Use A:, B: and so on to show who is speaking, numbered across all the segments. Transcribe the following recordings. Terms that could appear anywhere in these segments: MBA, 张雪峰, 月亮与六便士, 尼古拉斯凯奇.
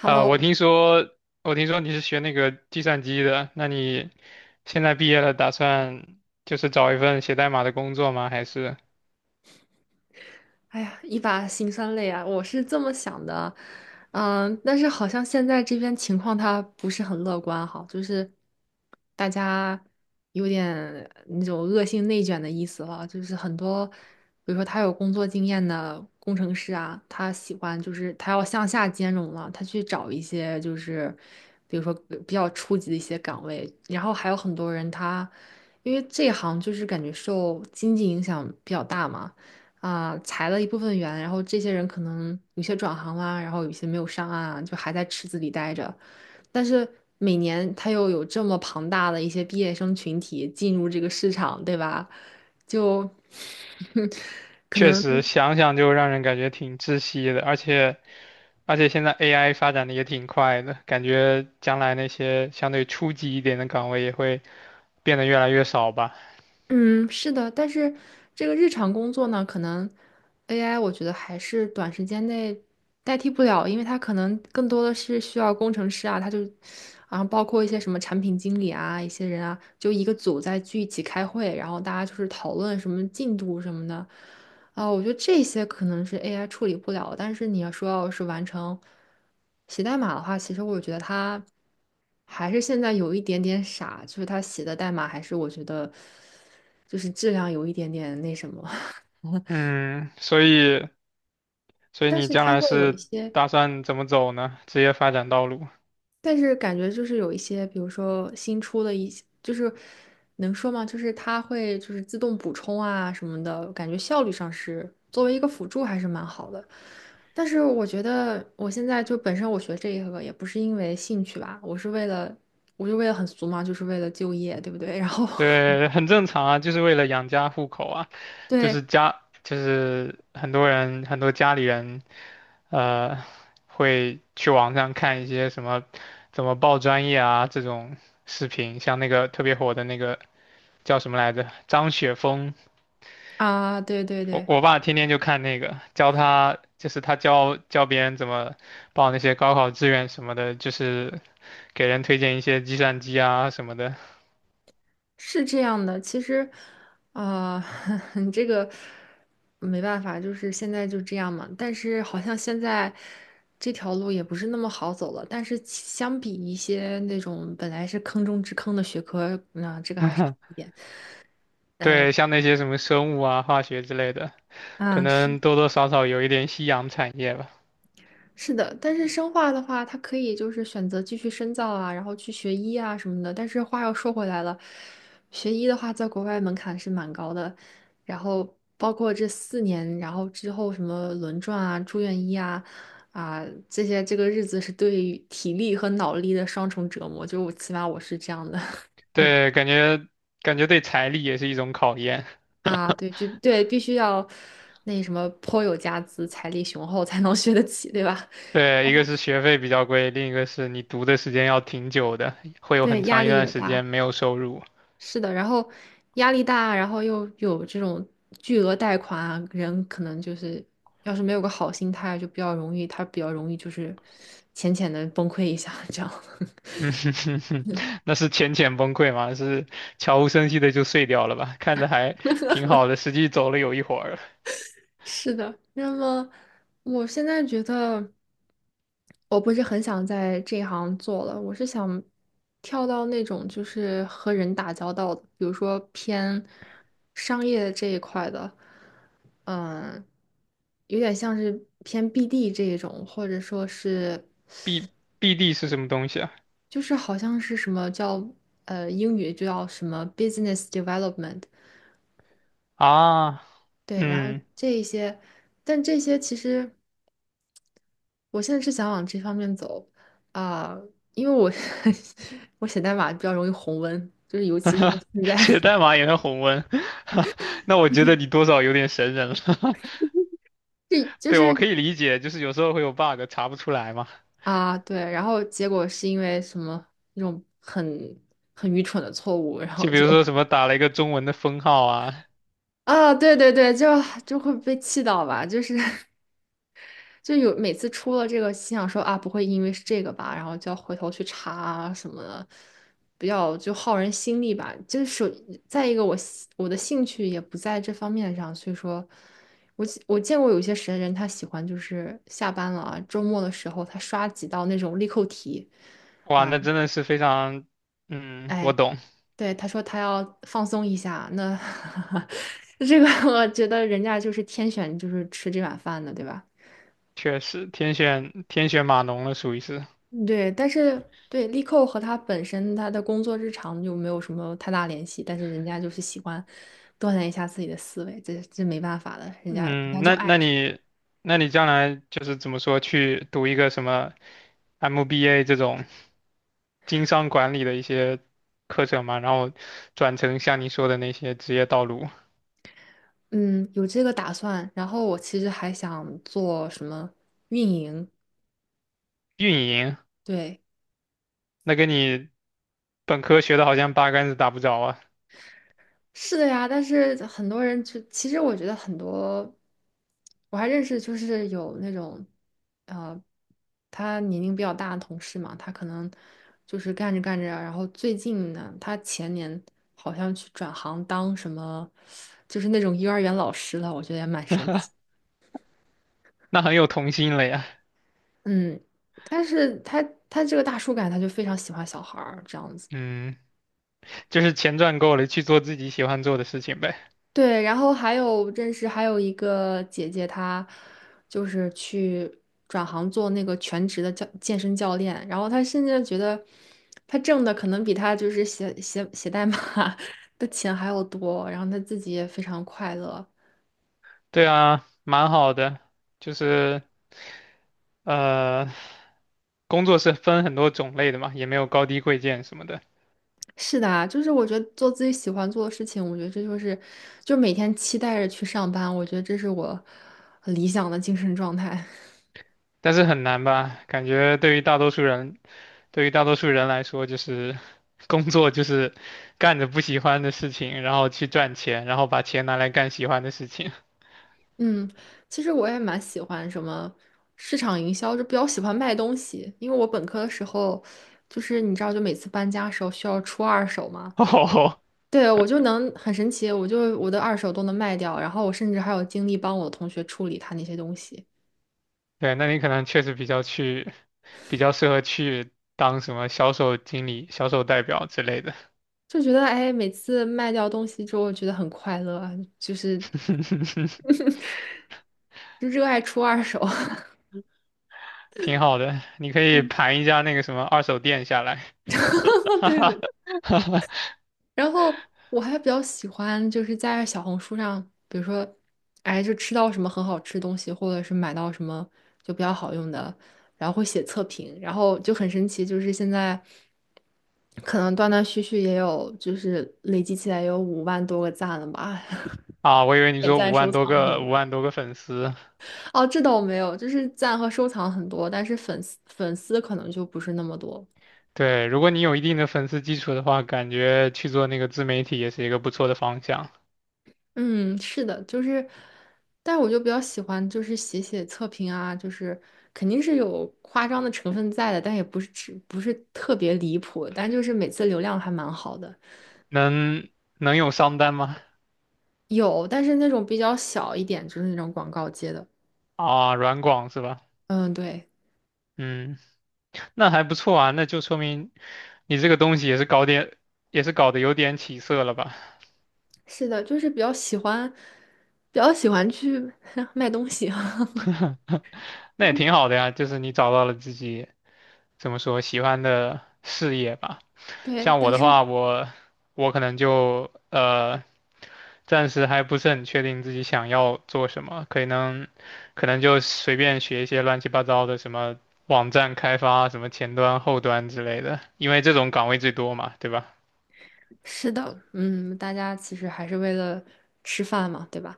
A: 我 听说，你是学那个计算机的，那你现在毕业了，打算就是找一份写代码的工作吗？还是
B: 哎呀，一把辛酸泪啊！我是这么想的，嗯，但是好像现在这边情况他不是很乐观哈，就是大家有点那种恶性内卷的意思了，就是很多，比如说他有工作经验的工程师啊，他喜欢就是他要向下兼容了，他去找一些就是比如说比较初级的一些岗位，然后还有很多人他因为这行就是感觉受经济影响比较大嘛。啊、裁了一部分员，然后这些人可能有些转行啦、然后有些没有上岸啊，就还在池子里待着。但是每年他又有这么庞大的一些毕业生群体进入这个市场，对吧？就 可
A: 确
B: 能
A: 实想想就让人感觉挺窒息的，而且现在 AI 发展的也挺快的，感觉将来那些相对初级一点的岗位也会变得越来越少吧。
B: 嗯，是的，但是这个日常工作呢，可能 AI 我觉得还是短时间内代替不了，因为它可能更多的是需要工程师啊，他就，然后包括一些什么产品经理啊，一些人啊，就一个组在聚一起开会，然后大家就是讨论什么进度什么的。啊，我觉得这些可能是 AI 处理不了但是你要说要是完成写代码的话，其实我觉得它还是现在有一点点傻，就是它写的代码还是我觉得就是质量有一点点那什么，
A: 嗯，所以
B: 但
A: 你
B: 是
A: 将
B: 它
A: 来
B: 会有一
A: 是
B: 些
A: 打算怎么走呢？职业发展道路？
B: 但是感觉就是有一些，比如说新出的一些，就是能说吗？就是它会就是自动补充啊什么的，感觉效率上是作为一个辅助还是蛮好的。但是我觉得我现在就本身我学这一个也不是因为兴趣吧，我是为了，我就为了很俗嘛，就是为了就业，对不对？然后
A: 对，很正常啊，就是为了养家糊口啊，就是
B: 对
A: 家，就是很多人，很多家里人，呃，会去网上看一些什么怎么报专业啊这种视频，像那个特别火的那个叫什么来着，张雪峰，
B: 啊，对对
A: 我
B: 对。
A: 我爸天天就看那个，教他就是他教别人怎么报那些高考志愿什么的，就是给人推荐一些计算机啊什么的。
B: 是这样的，其实，啊、你这个没办法，就是现在就这样嘛。但是好像现在这条路也不是那么好走了。但是其相比一些那种本来是坑中之坑的学科，那、这个还是好一点。呃，
A: 对，像那些什么生物啊、化学之类的，可
B: 嗯，是。
A: 能多多少少有一点夕阳产业吧。
B: 是的，但是生化的话，它可以就是选择继续深造啊，然后去学医啊什么的。但是话又说回来了，学医的话，在国外门槛是蛮高的，然后包括这4年，然后之后什么轮转啊、住院医啊、啊这些，这个日子是对于体力和脑力的双重折磨。就我起码我是这样的
A: 对，感觉对财力也是一种考验。
B: 啊，对，就对，必须要那什么颇有家资、财力雄厚才能学得起，对吧？
A: 对，一个是学费比较贵，另一个是你读的时间要挺久的，会有
B: 对，
A: 很
B: 压
A: 长一
B: 力
A: 段
B: 也
A: 时
B: 大。
A: 间没有收入。
B: 是的，然后压力大，然后又有这种巨额贷款啊，人可能就是要是没有个好心态，就比较容易，他比较容易就是浅浅的崩溃一下，这样。
A: 嗯哼哼哼，那是浅浅崩溃吗？是悄无声息的就碎掉了吧？看着还挺好的，实际走了有一会儿了。
B: 是的，那么我现在觉得我不是很想在这一行做了，我是想跳到那种就是和人打交道的，比如说偏商业这一块的，嗯，有点像是偏 BD 这一种，或者说是
A: B BD 是什么东西啊？
B: 就是好像是什么叫英语就叫什么 business development，
A: 啊，
B: 对，然后
A: 嗯。
B: 这一些，但这些其实。我现在是想往这方面走啊，因为我 我写代码比较容易红温，就是尤其是现在，
A: 写代码也能红温，那我觉得你 多少有点神人了。
B: 这 就
A: 对，我
B: 是
A: 可以理解，就是有时候会有 bug 查不出来嘛。
B: 啊，对，然后结果是因为什么那种很很愚蠢的错误，然
A: 就
B: 后
A: 比
B: 就
A: 如说什么打了一个中文的分号啊，
B: 啊，对对对，就就会被气到吧，就是 就有每次出了这个，心想说啊，不会因为是这个吧，然后就要回头去查啊什么的，比较就耗人心力吧。就是再一个我的兴趣也不在这方面上，所以说我见过有一些神人，他喜欢就是下班了啊，周末的时候他刷几道那种力扣题，
A: 哇，那真的是非常，嗯，我
B: 哎，
A: 懂，
B: 对，他说他要放松一下，那 这个我觉得人家就是天选就是吃这碗饭的，对吧？
A: 确实天选天选码农了，属于是。
B: 对，但是对力扣和他本身他的工作日常就没有什么太大联系，但是人家就是喜欢锻炼一下自己的思维，这没办法的，人家
A: 嗯，
B: 就
A: 那
B: 爱，
A: 那你那你将来就是怎么说去读一个什么 MBA 这种经商管理的一些课程嘛，然后转成像你说的那些职业道路，
B: 嗯，有这个打算。然后我其实还想做什么运营，
A: 运营。
B: 对，
A: 那跟你本科学的好像八竿子打不着啊，
B: 是的呀，但是很多人就其实我觉得很多，我还认识就是有那种，呃，他年龄比较大的同事嘛，他可能就是干着干着啊，然后最近呢，他前年好像去转行当什么，就是那种幼儿园老师了，我觉得也蛮神奇。
A: 那很有童心了呀。
B: 嗯，但是他他这个大叔感，他就非常喜欢小孩儿这样子。
A: 嗯，就是钱赚够了，去做自己喜欢做的事情呗。
B: 对，然后还有认识还有一个姐姐，她就是去转行做那个全职的教健身教练，然后她甚至觉得她挣的可能比她就是写代码 的钱还要多，然后她自己也非常快乐。
A: 对啊，蛮好的。就是呃，工作是分很多种类的嘛，也没有高低贵贱什么的，
B: 是的啊，就是我觉得做自己喜欢做的事情，我觉得这就是就每天期待着去上班，我觉得这是我理想的精神状态。
A: 但是很难吧？感觉对于大多数人，对于大多数人来说，就是工作就是干着不喜欢的事情，然后去赚钱，然后把钱拿来干喜欢的事情。
B: 嗯，其实我也蛮喜欢什么市场营销，就比较喜欢卖东西。因为我本科的时候，就是你知道，就每次搬家的时候需要出二手嘛，
A: 哦，
B: 对，我就能很神奇，我就我的二手都能卖掉，然后我甚至还有精力帮我的同学处理他那些东西，
A: 对，那你可能确实比较去，比较适合去当什么销售经理、销售代表之类的，
B: 就觉得哎，每次卖掉东西之后，觉得很快乐啊，就是 就热爱出二手。
A: 挺好的。你可以
B: 嗯，
A: 盘一家那个什么二手店下来
B: 对对然后我还比较喜欢，就是在小红书上，比如说，哎，就吃到什么很好吃的东西，或者是买到什么就比较好用的，然后会写测评，然后就很神奇，就是现在可能断断续续也有，就是累积起来也有5万多个赞了吧，
A: 啊，我以为 你
B: 点
A: 说五
B: 赞、收
A: 万多
B: 藏什么
A: 个、五
B: 的。
A: 万多个粉丝。
B: 哦，这倒没有，就是赞和收藏很多，但是粉丝可能就不是那么多。
A: 对，如果你有一定的粉丝基础的话，感觉去做那个自媒体也是一个不错的方向。
B: 嗯，是的，就是，但是我就比较喜欢，就是写写测评啊，就是肯定是有夸张的成分在的，但也不是不是特别离谱，但就是每次流量还蛮好的，
A: 能能有商单吗？
B: 有，但是那种比较小一点，就是那种广告接的，
A: 啊，软广是吧？
B: 嗯，对，
A: 嗯，那还不错啊，那就说明你这个东西也是搞点，也是搞得有点起色了吧？
B: 是的，就是比较喜欢，比较喜欢去 卖东西，
A: 那也挺好的呀，就是你找到了自己怎么说喜欢的事业吧。
B: 对，
A: 像我
B: 但
A: 的
B: 是
A: 话，我我可能就暂时还不是很确定自己想要做什么，可能可能就随便学一些乱七八糟的什么网站开发、什么前端、后端之类的，因为这种岗位最多嘛，对吧？
B: 是的，嗯，大家其实还是为了吃饭嘛，对吧？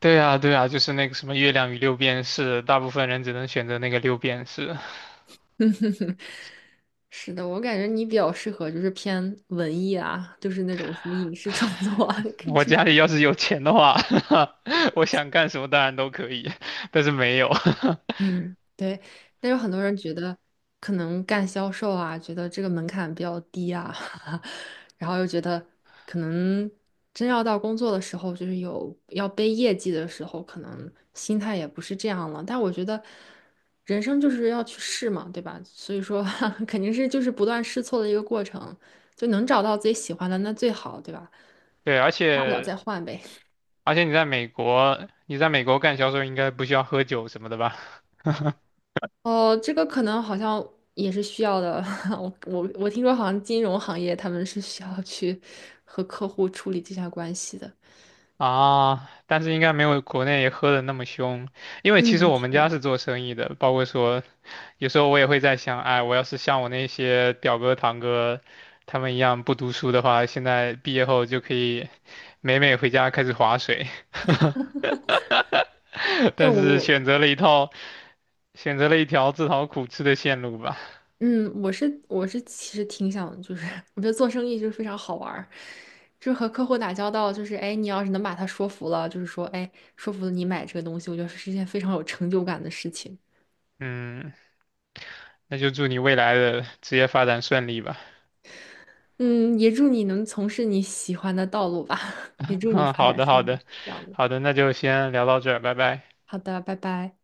A: 对啊，对啊，就是那个什么月亮与六便士，大部分人只能选择那个六便士。
B: 是的，我感觉你比较适合就是偏文艺啊，就是那种什么影视创作啊，可以
A: 我
B: 去
A: 家里
B: 试
A: 要是有钱的话，我想干什么当然都可以，但是没有。
B: 嗯，对。但有很多人觉得可能干销售啊，觉得这个门槛比较低啊，然后又觉得可能真要到工作的时候，就是有要背业绩的时候，可能心态也不是这样了。但我觉得人生就是要去试嘛，对吧？所以说 肯定是就是不断试错的一个过程，就能找到自己喜欢的那最好，对吧？
A: 对，而
B: 大不了
A: 且
B: 再换呗。
A: 你在美国，你在美国干销售应该不需要喝酒什么的吧？
B: 哦，这个可能好像也是需要的。我听说好像金融行业他们是需要去和客户处理这下关系的。
A: 啊，但是应该没有国内喝的那么凶，因为其实
B: 嗯，
A: 我
B: 是
A: 们家
B: 的，
A: 是做生意的，包括说，有时候我也会在想，哎，我要是像我那些表哥堂哥他们一样不读书的话，现在毕业后就可以美美回家开始划水，
B: 这
A: 但
B: 我
A: 是
B: 我
A: 选择了一套。选择了一条自讨苦吃的线路吧。
B: 嗯，我是其实挺想，就是 我觉得做生意就是非常好玩儿，就是和客户打交道，就是哎，你要是能把他说服了，就是说哎，说服了你买这个东西，我觉得是一件非常有成就感的事情。
A: 嗯，那就祝你未来的职业发展顺利吧。
B: 嗯，也祝你能从事你喜欢的道路吧，也 祝你
A: 嗯，
B: 发
A: 好
B: 展
A: 的，好
B: 顺利。
A: 的，
B: 这样的。
A: 好的，那就先聊到这儿，拜拜。
B: 好的，拜拜。